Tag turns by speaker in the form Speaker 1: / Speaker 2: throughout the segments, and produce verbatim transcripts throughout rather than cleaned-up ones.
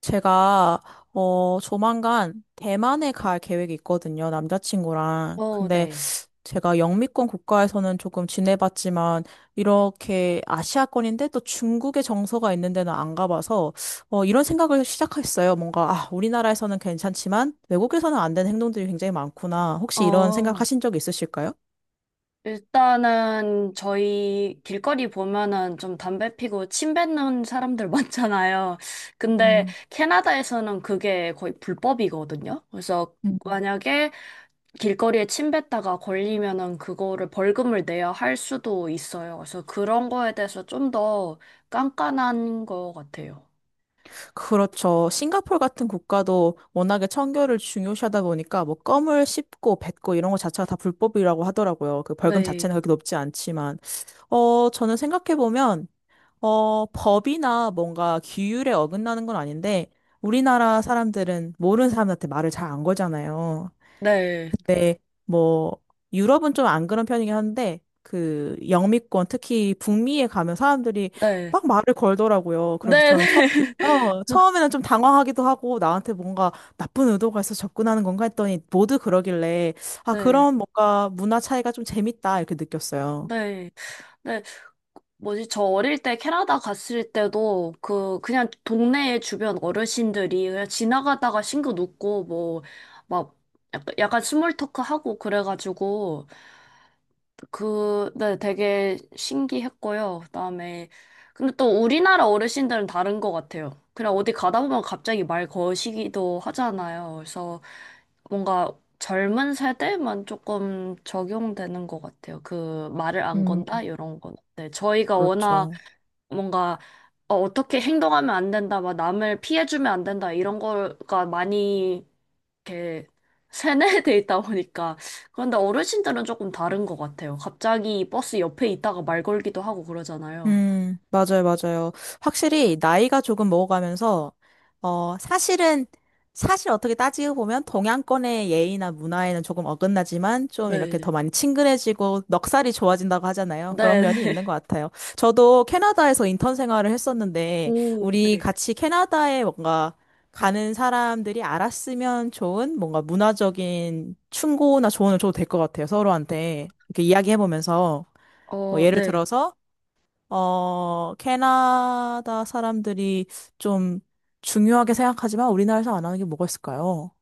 Speaker 1: 제가 어 조만간 대만에 갈 계획이 있거든요. 남자친구랑.
Speaker 2: 어,
Speaker 1: 근데
Speaker 2: 네.
Speaker 1: 제가 영미권 국가에서는 조금 지내봤지만 이렇게 아시아권인데 또 중국의 정서가 있는 데는 안 가봐서 어 이런 생각을 시작했어요. 뭔가 아 우리나라에서는 괜찮지만 외국에서는 안 되는 행동들이 굉장히 많구나. 혹시 이런 생각
Speaker 2: 어,
Speaker 1: 하신 적 있으실까요?
Speaker 2: 일단은 저희 길거리 보면은 좀 담배 피고 침 뱉는 사람들 많잖아요. 근데
Speaker 1: 음.
Speaker 2: 캐나다에서는 그게 거의 불법이거든요. 그래서 만약에 길거리에 침 뱉다가 걸리면은 그거를 벌금을 내야 할 수도 있어요. 그래서 그런 거에 대해서 좀 더 깐깐한 것 같아요.
Speaker 1: 그렇죠. 싱가포르 같은 국가도 워낙에 청결을 중요시하다 보니까 뭐 껌을 씹고 뱉고 이런 거 자체가 다 불법이라고 하더라고요. 그 벌금
Speaker 2: 네,
Speaker 1: 자체는 그렇게 높지 않지만. 어, 저는 생각해보면, 어, 법이나 뭔가 규율에 어긋나는 건 아닌데, 우리나라 사람들은 모르는 사람한테 말을 잘 안 거잖아요.
Speaker 2: 네,
Speaker 1: 뭐, 유럽은 좀 안 그런 편이긴 한데, 그, 영미권, 특히 북미에 가면 사람들이
Speaker 2: 네,
Speaker 1: 막 말을 걸더라고요. 그래서
Speaker 2: 네, 네,
Speaker 1: 저는 처음, 어, 처음에는 좀 당황하기도 하고, 나한테 뭔가 나쁜 의도가 있어 접근하는 건가 했더니, 모두 그러길래, 아,
Speaker 2: 네,
Speaker 1: 그런 뭔가 문화 차이가 좀 재밌다, 이렇게 느꼈어요.
Speaker 2: 네. 네. 뭐지, 저 어릴 때 캐나다 갔을 때도 그 그냥 동네 주변 어르신들이 그냥 지나가다가 싱긋 웃고 뭐 막 약간, 약간 스몰 토크 하고 그래가지고 그, 네, 되게 신기했고요. 그다음에 근데 또 우리나라 어르신들은 다른 것 같아요. 그냥 어디 가다 보면 갑자기 말 거시기도 하잖아요. 그래서 뭔가 젊은 세대만 조금 적용되는 것 같아요. 그 말을 안 건다
Speaker 1: 음.
Speaker 2: 이런 건. 네, 저희가 워낙
Speaker 1: 그렇죠.
Speaker 2: 뭔가 어, 어떻게 행동하면 안 된다, 막 남을 피해주면 안 된다 이런 거가 많이 이렇게 세뇌돼 있다 보니까 그런데 어르신들은 조금 다른 것 같아요. 갑자기 버스 옆에 있다가 말 걸기도 하고 그러잖아요.
Speaker 1: 음, 맞아요, 맞아요. 확실히 나이가 조금 먹어가면서, 어, 사실은, 사실 어떻게 따지고 보면 동양권의 예의나 문화에는 조금 어긋나지만 좀 이렇게
Speaker 2: 네.
Speaker 1: 더 많이 친근해지고 넉살이 좋아진다고 하잖아요. 그런
Speaker 2: 네,
Speaker 1: 면이
Speaker 2: 네.
Speaker 1: 있는 것 같아요. 저도 캐나다에서 인턴 생활을 했었는데,
Speaker 2: 오,
Speaker 1: 우리
Speaker 2: 네.
Speaker 1: 같이 캐나다에 뭔가 가는 사람들이 알았으면 좋은 뭔가 문화적인 충고나 조언을 줘도 될 것 같아요. 서로한테. 이렇게 이야기해보면서. 뭐
Speaker 2: 어,
Speaker 1: 예를
Speaker 2: 네.
Speaker 1: 들어서, 어, 캐나다 사람들이 좀 중요하게 생각하지만 우리나라에서 안 하는 게 뭐가 있을까요?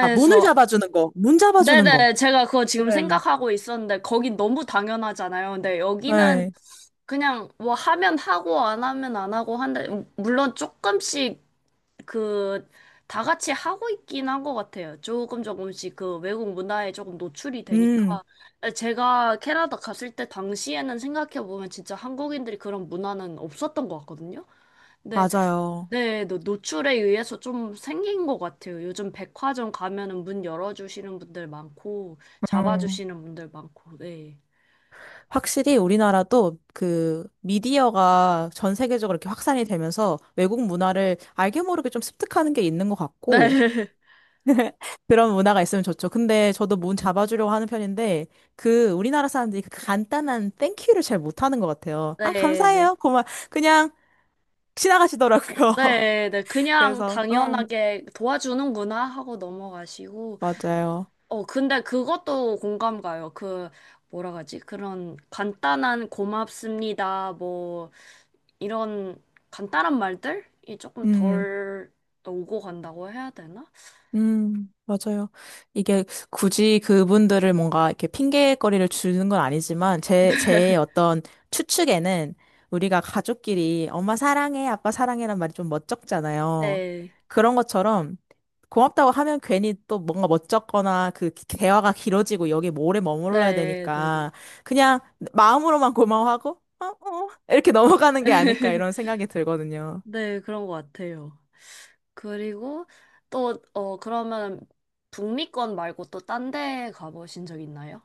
Speaker 1: 아, 문을 잡아주는 거. 문 잡아주는 거.
Speaker 2: 네네 제가 그거 지금
Speaker 1: 맞아요.
Speaker 2: 생각하고 있었는데 거긴 너무 당연하잖아요. 근데 여기는
Speaker 1: 네.
Speaker 2: 그냥 뭐 하면 하고 안 하면 안 하고 한데 물론 조금씩 그, 다 같이 하고 있긴 한 것 같아요. 조금 조금씩 그 외국 문화에 조금 노출이
Speaker 1: 음,
Speaker 2: 되니까. 제가 캐나다 갔을 때 당시에는 생각해보면 진짜 한국인들이 그런 문화는 없었던 것 같거든요. 근데,
Speaker 1: 맞아요.
Speaker 2: 네, 노- 노출에 의해서 좀 생긴 것 같아요. 요즘 백화점 가면은 문 열어주시는 분들 많고,
Speaker 1: 음.
Speaker 2: 잡아주시는 분들 많고, 네.
Speaker 1: 확실히 우리나라도 그 미디어가 전 세계적으로 이렇게 확산이 되면서 외국 문화를 알게 모르게 좀 습득하는 게 있는 것
Speaker 2: 네,
Speaker 1: 같고, 그런 문화가 있으면 좋죠. 근데 저도 문 잡아주려고 하는 편인데, 그, 우리나라 사람들이 그 간단한 땡큐를 잘 못하는 것 같아요. 아,
Speaker 2: 네, 네.
Speaker 1: 감사해요. 고마. 그냥 지나가시더라고요.
Speaker 2: 네, 네. 그냥
Speaker 1: 그래서, 응.
Speaker 2: 당연하게 도와주는구나 하고 넘어가시고,
Speaker 1: 맞아요.
Speaker 2: 어, 근데 그것도 공감 가요. 그, 뭐라 하지? 그런 간단한 고맙습니다. 뭐, 이런 간단한 말들이 조금
Speaker 1: 음.
Speaker 2: 덜 오고 간다고 해야 되나?
Speaker 1: 음, 맞아요. 이게 굳이 그분들을 뭔가 이렇게 핑계거리를 주는 건 아니지만, 제, 제 어떤 추측에는 우리가 가족끼리 엄마 사랑해, 아빠 사랑해란 말이 좀 멋쩍잖아요.
Speaker 2: 네.
Speaker 1: 그런 것처럼 고맙다고 하면 괜히 또 뭔가 멋쩍거나 그 대화가 길어지고 여기 에 오래 머물러야
Speaker 2: 네, 네, 네.
Speaker 1: 되니까 그냥 마음으로만 고마워하고, 어, 어, 이렇게 넘어가는 게 아닐까 이런 생각이 들거든요.
Speaker 2: 네, 그런 것 같아요. 그리고 또, 어, 그러면 북미권 말고 또 딴 데 가보신 적 있나요?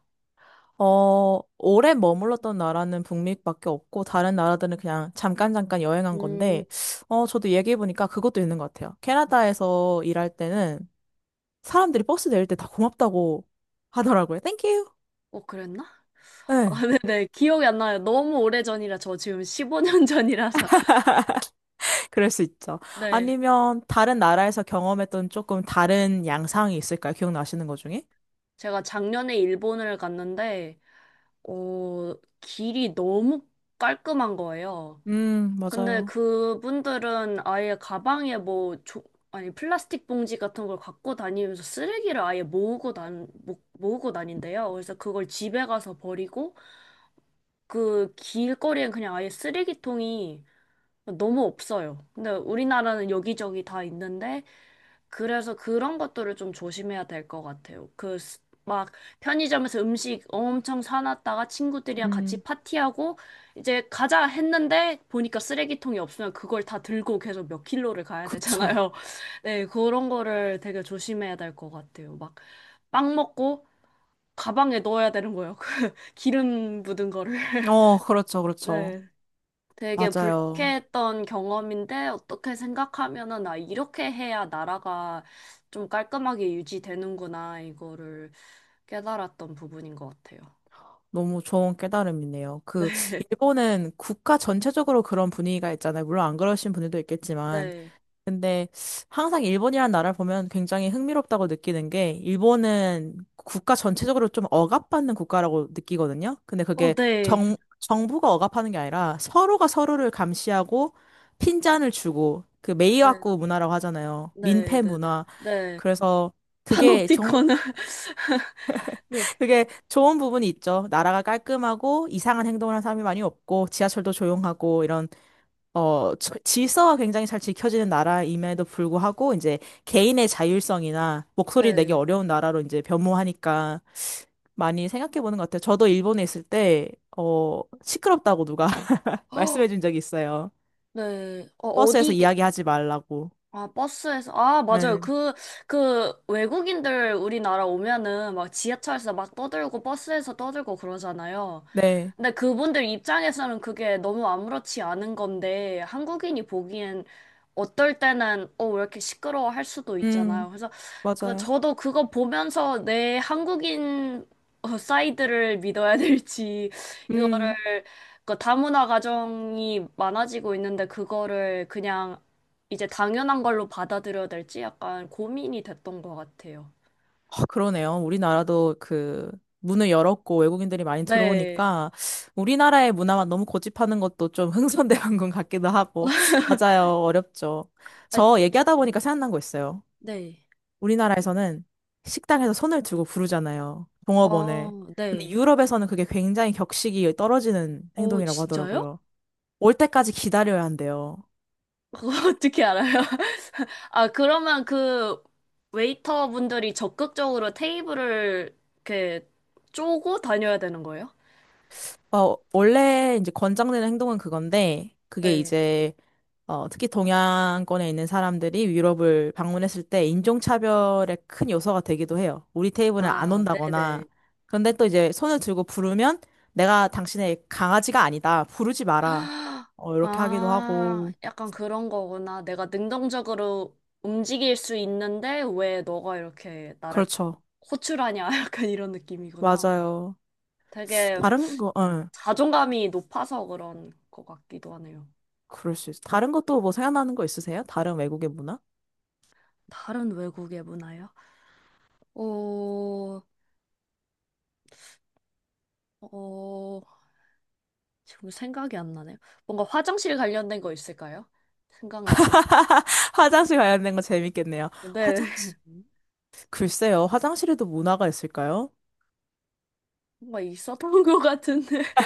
Speaker 1: 어, 오래 머물렀던 나라는 북미밖에 없고, 다른 나라들은 그냥 잠깐 잠깐 여행한
Speaker 2: 음,
Speaker 1: 건데, 어, 저도 얘기해보니까 그것도 있는 것 같아요. 캐나다에서 일할 때는 사람들이 버스 내릴 때 다 고맙다고 하더라고요. 땡큐.
Speaker 2: 어, 그랬나?
Speaker 1: 네,
Speaker 2: 네, 기억이 안 나요. 너무 오래전이라 저 지금 십오 년 전이라서.
Speaker 1: 그럴 수 있죠.
Speaker 2: 네.
Speaker 1: 아니면 다른 나라에서 경험했던 조금 다른 양상이 있을까요? 기억나시는 것 중에?
Speaker 2: 제가 작년에 일본을 갔는데, 어, 길이 너무 깔끔한 거예요.
Speaker 1: 음,
Speaker 2: 근데
Speaker 1: 맞아요.
Speaker 2: 그분들은 아예 가방에 뭐, 조, 아니, 플라스틱 봉지 같은 걸 갖고 다니면서 쓰레기를 아예 모으고 다 모, 모으고 다닌대요. 그래서 그걸 집에 가서 버리고, 그 길거리엔 그냥 아예 쓰레기통이 너무 없어요. 근데 우리나라는 여기저기 다 있는데, 그래서 그런 것들을 좀 조심해야 될 것 같아요. 그, 스- 막, 편의점에서 음식 엄청 사놨다가 친구들이랑
Speaker 1: 음,
Speaker 2: 같이 파티하고, 이제 가자 했는데, 보니까 쓰레기통이 없으면 그걸 다 들고 계속 몇 킬로를 가야
Speaker 1: 그쵸.
Speaker 2: 되잖아요. 네, 그런 거를 되게 조심해야 될 것 같아요. 막, 빵 먹고, 가방에 넣어야 되는 거예요. 그 기름 묻은 거를.
Speaker 1: 어, 그렇죠, 그렇죠.
Speaker 2: 네. 되게
Speaker 1: 맞아요.
Speaker 2: 불쾌했던 경험인데 어떻게 생각하면은 나 이렇게 해야 나라가 좀 깔끔하게 유지되는구나 이거를 깨달았던 부분인 것 같아요.
Speaker 1: 너무 좋은 깨달음이네요. 그,
Speaker 2: 네,
Speaker 1: 일본은 국가 전체적으로 그런 분위기가 있잖아요. 물론 안 그러신 분들도 있겠지만.
Speaker 2: 네,
Speaker 1: 근데 항상 일본이라는 나라를 보면 굉장히 흥미롭다고 느끼는 게, 일본은 국가 전체적으로 좀 억압받는 국가라고 느끼거든요. 근데
Speaker 2: 어,
Speaker 1: 그게
Speaker 2: 네,
Speaker 1: 정, 정부가 억압하는 게 아니라 서로가 서로를 감시하고 핀잔을 주고, 그
Speaker 2: 네,
Speaker 1: 메이와쿠 문화라고 하잖아요.
Speaker 2: 네,
Speaker 1: 민폐
Speaker 2: 네, 네,
Speaker 1: 문화.
Speaker 2: 네.
Speaker 1: 그래서 그게 정말
Speaker 2: 파놉티콘은 네,
Speaker 1: 그게 좋은 부분이 있죠. 나라가 깔끔하고 이상한 행동을 하는 사람이 많이 없고 지하철도 조용하고 이런 어 저- 질서가 굉장히 잘 지켜지는 나라임에도 불구하고 이제 개인의 자율성이나 목소리 내기
Speaker 2: 네,
Speaker 1: 어려운 나라로 이제 변모하니까 많이 생각해 보는 것 같아요. 저도 일본에 있을 때 어 시끄럽다고 누가
Speaker 2: 어,
Speaker 1: 말씀해 준 적이 있어요.
Speaker 2: 네, 어,
Speaker 1: 버스에서
Speaker 2: 어디
Speaker 1: 이야기하지 말라고.
Speaker 2: 아, 버스에서, 아, 맞아요.
Speaker 1: 네.
Speaker 2: 그, 그, 외국인들 우리나라 오면은 막 지하철에서 막 떠들고 버스에서 떠들고 그러잖아요.
Speaker 1: 네.
Speaker 2: 근데 그분들 입장에서는 그게 너무 아무렇지 않은 건데, 한국인이 보기엔 어떨 때는, 어, 왜 이렇게 시끄러워 할 수도
Speaker 1: 음,
Speaker 2: 있잖아요. 그래서, 그,
Speaker 1: 맞아요.
Speaker 2: 저도 그거 보면서 내 한국인 어, 사이드를 믿어야 될지,
Speaker 1: 음.
Speaker 2: 이거를, 그 다문화 가정이 많아지고 있는데, 그거를 그냥 이제 당연한 걸로 받아들여야 될지 약간 고민이 됐던 것 같아요.
Speaker 1: 아, 그러네요. 우리나라도 그 문을 열었고 외국인들이 많이
Speaker 2: 네.
Speaker 1: 들어오니까 우리나라의 문화만 너무 고집하는 것도 좀 흥선대원군 같기도 하고 맞아요. 어렵죠.
Speaker 2: 아,
Speaker 1: 저 얘기하다 보니까 생각난 거 있어요.
Speaker 2: 네.
Speaker 1: 우리나라에서는 식당에서 손을 들고 부르잖아요.
Speaker 2: 어,
Speaker 1: 종업원을. 근데
Speaker 2: 네.
Speaker 1: 유럽에서는 그게 굉장히 격식이 떨어지는
Speaker 2: 어,
Speaker 1: 행동이라고
Speaker 2: 진짜요?
Speaker 1: 하더라고요. 올 때까지 기다려야 한대요.
Speaker 2: 그거 어떻게 알아요? 아, 그러면 그 웨이터 분들이 적극적으로 테이블을 이렇게 쪼고 다녀야 되는 거예요?
Speaker 1: 어, 원래 이제 권장되는 행동은 그건데 그게
Speaker 2: 네.
Speaker 1: 이제 어, 특히 동양권에 있는 사람들이 유럽을 방문했을 때 인종차별의 큰 요소가 되기도 해요. 우리 테이블은 안
Speaker 2: 아,
Speaker 1: 온다거나.
Speaker 2: 네네.
Speaker 1: 그런데 또 이제 손을 들고 부르면 내가 당신의 강아지가 아니다. 부르지 마라.
Speaker 2: 아,
Speaker 1: 어, 이렇게 하기도
Speaker 2: 아,
Speaker 1: 하고.
Speaker 2: 약간 그런 거구나. 내가 능동적으로 움직일 수 있는데 왜 너가 이렇게 나를
Speaker 1: 그렇죠.
Speaker 2: 호출하냐? 약간 이런 느낌이구나.
Speaker 1: 맞아요.
Speaker 2: 되게
Speaker 1: 다른 거, 어.
Speaker 2: 자존감이 높아서 그런 것 같기도 하네요.
Speaker 1: 그럴 수 있어. 다른 것도 뭐 생각나는 거 있으세요? 다른 외국의 문화?
Speaker 2: 다른 외국의 문화요? 어, 어, 지금 생각이 안 나네요. 뭔가 화장실 관련된 거 있을까요? 생각나시는 거?
Speaker 1: 화장실 관련된 거 재밌겠네요.
Speaker 2: 네,
Speaker 1: 화장실? 글쎄요, 화장실에도 문화가 있을까요?
Speaker 2: 뭔가 있었던 것 같은데.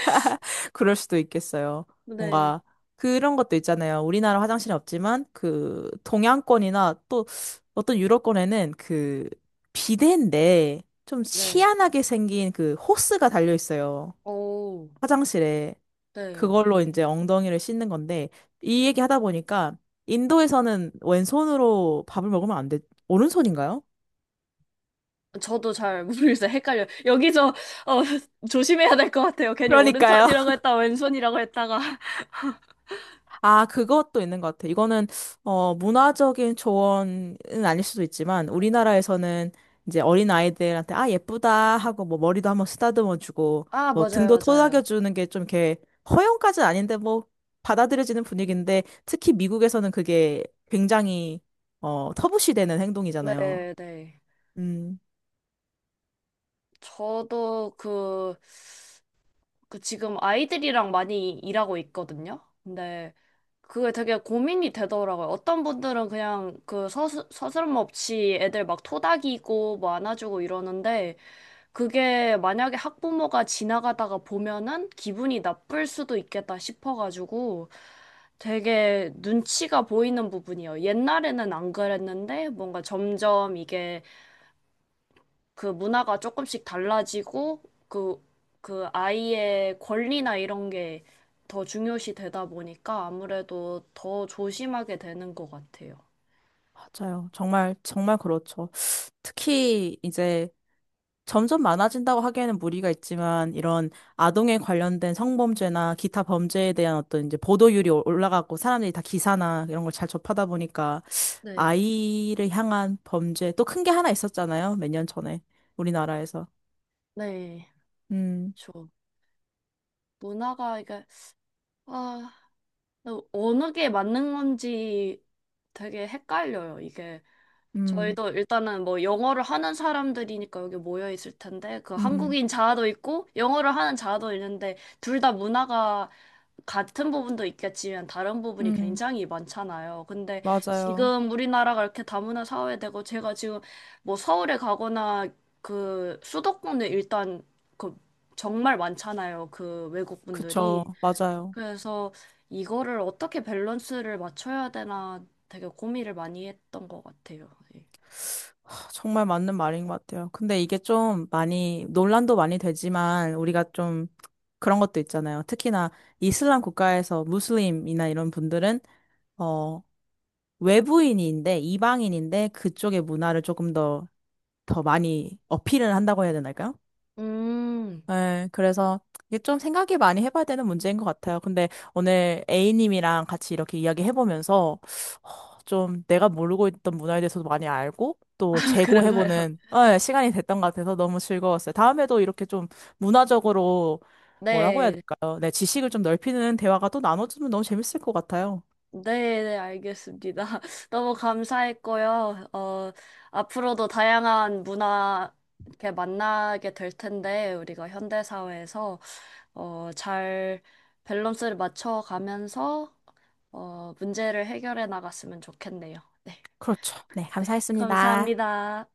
Speaker 1: 그럴 수도 있겠어요.
Speaker 2: 네,
Speaker 1: 뭔가 그런 것도 있잖아요. 우리나라 화장실은 없지만 그 동양권이나 또 어떤 유럽권에는 그 비데인데 좀
Speaker 2: 네.
Speaker 1: 희한하게 생긴 그 호스가 달려 있어요.
Speaker 2: 오,
Speaker 1: 화장실에.
Speaker 2: 네.
Speaker 1: 그걸로 이제 엉덩이를 씻는 건데 이 얘기 하다 보니까 인도에서는 왼손으로 밥을 먹으면 안 돼. 오른손인가요?
Speaker 2: 저도 잘 모르겠어요. 헷갈려. 요 여기서 어, 조심해야 될 것 같아요. 괜히
Speaker 1: 그러니까요.
Speaker 2: 오른손이라고 했다, 왼손이라고 했다가.
Speaker 1: 아, 그것도 있는 것 같아. 이거는, 어, 문화적인 조언은 아닐 수도 있지만, 우리나라에서는 이제 어린 아이들한테, 아, 예쁘다 하고, 뭐, 머리도 한번 쓰다듬어 주고,
Speaker 2: 아,
Speaker 1: 뭐,
Speaker 2: 맞아요,
Speaker 1: 등도
Speaker 2: 맞아요.
Speaker 1: 토닥여 주는 게 좀 이렇게, 허용까지는 아닌데, 뭐, 받아들여지는 분위기인데, 특히 미국에서는 그게 굉장히, 어, 터부시되는 행동이잖아요.
Speaker 2: 네, 네.
Speaker 1: 음,
Speaker 2: 저도 그, 그 지금 아이들이랑 많이 일하고 있거든요. 근데 그게 되게 고민이 되더라고요. 어떤 분들은 그냥 그 서스, 서스럼 없이 애들 막 토닥이고 뭐 안아주고 이러는데 그게 만약에 학부모가 지나가다가 보면은 기분이 나쁠 수도 있겠다 싶어가지고 되게 눈치가 보이는 부분이에요. 옛날에는 안 그랬는데 뭔가 점점 이게 그 문화가 조금씩 달라지고 그, 그 아이의 권리나 이런 게 더 중요시 되다 보니까 아무래도 더 조심하게 되는 것 같아요.
Speaker 1: 맞아요. 정말, 정말 그렇죠. 특히, 이제, 점점 많아진다고 하기에는 무리가 있지만 이런 아동에 관련된 성범죄나 기타 범죄에 대한 어떤 이제 보도율이 올- 올라가고 사람들이 다 기사나 이런 걸 잘 접하다 보니까
Speaker 2: 네.
Speaker 1: 아이를 향한 범죄 또 큰 게 하나 있었잖아요. 몇 년 전에 우리나라에서.
Speaker 2: 네,
Speaker 1: 음,
Speaker 2: 저 문화가 이게 아 근데 어느 게 맞는 건지 되게 헷갈려요, 이게.
Speaker 1: 음,
Speaker 2: 저희도 일단은 뭐 영어를 하는 사람들이니까 여기 모여 있을 텐데, 그
Speaker 1: 음,
Speaker 2: 한국인 자아도 있고, 영어를 하는 자아도 있는데, 둘 다 문화가 같은 부분도 있겠지만 다른 부분이
Speaker 1: 음,
Speaker 2: 굉장히 많잖아요. 근데
Speaker 1: 맞아요.
Speaker 2: 지금 우리나라가 이렇게 다문화 사회되고, 제가 지금 뭐 서울에 가거나 그 수도권에 일단 그 정말 많잖아요. 그 외국
Speaker 1: 그쵸,
Speaker 2: 분들이.
Speaker 1: 맞아요.
Speaker 2: 그래서 이거를 어떻게 밸런스를 맞춰야 되나 되게 고민을 많이 했던 것 같아요. 예.
Speaker 1: 하, 정말 맞는 말인 것 같아요. 근데 이게 좀 많이 논란도 많이 되지만 우리가 좀 그런 것도 있잖아요. 특히나 이슬람 국가에서 무슬림이나 이런 분들은 어 외부인인데 이방인인데 그쪽의 문화를 조금 더 더 많이 어필을 한다고 해야 되나요?
Speaker 2: 음,
Speaker 1: 네, 그래서 이게 좀 생각이 많이 해봐야 되는 문제인 것 같아요. 근데 오늘 A님이랑 같이 이렇게 이야기해보면서 어, 좀 내가 모르고 있던 문화에 대해서도 많이 알고 또
Speaker 2: 아, 그런가요?
Speaker 1: 재고해보는 네, 시간이 됐던 것 같아서 너무 즐거웠어요. 다음에도 이렇게 좀 문화적으로 뭐라고 해야
Speaker 2: 네,
Speaker 1: 될까요? 네, 지식을 좀 넓히는 대화가 또 나눠주면 너무 재밌을 것 같아요.
Speaker 2: 네, 네, 알겠습니다. 너무 감사했고요. 어, 앞으로도 다양한 문화 이렇게 만나게 될 텐데, 우리가 현대사회에서 어, 잘 밸런스를 맞춰가면서 어, 문제를 해결해 나갔으면 좋겠네요. 네,
Speaker 1: 그렇죠. 네,
Speaker 2: 네,
Speaker 1: 감사했습니다.
Speaker 2: 감사합니다.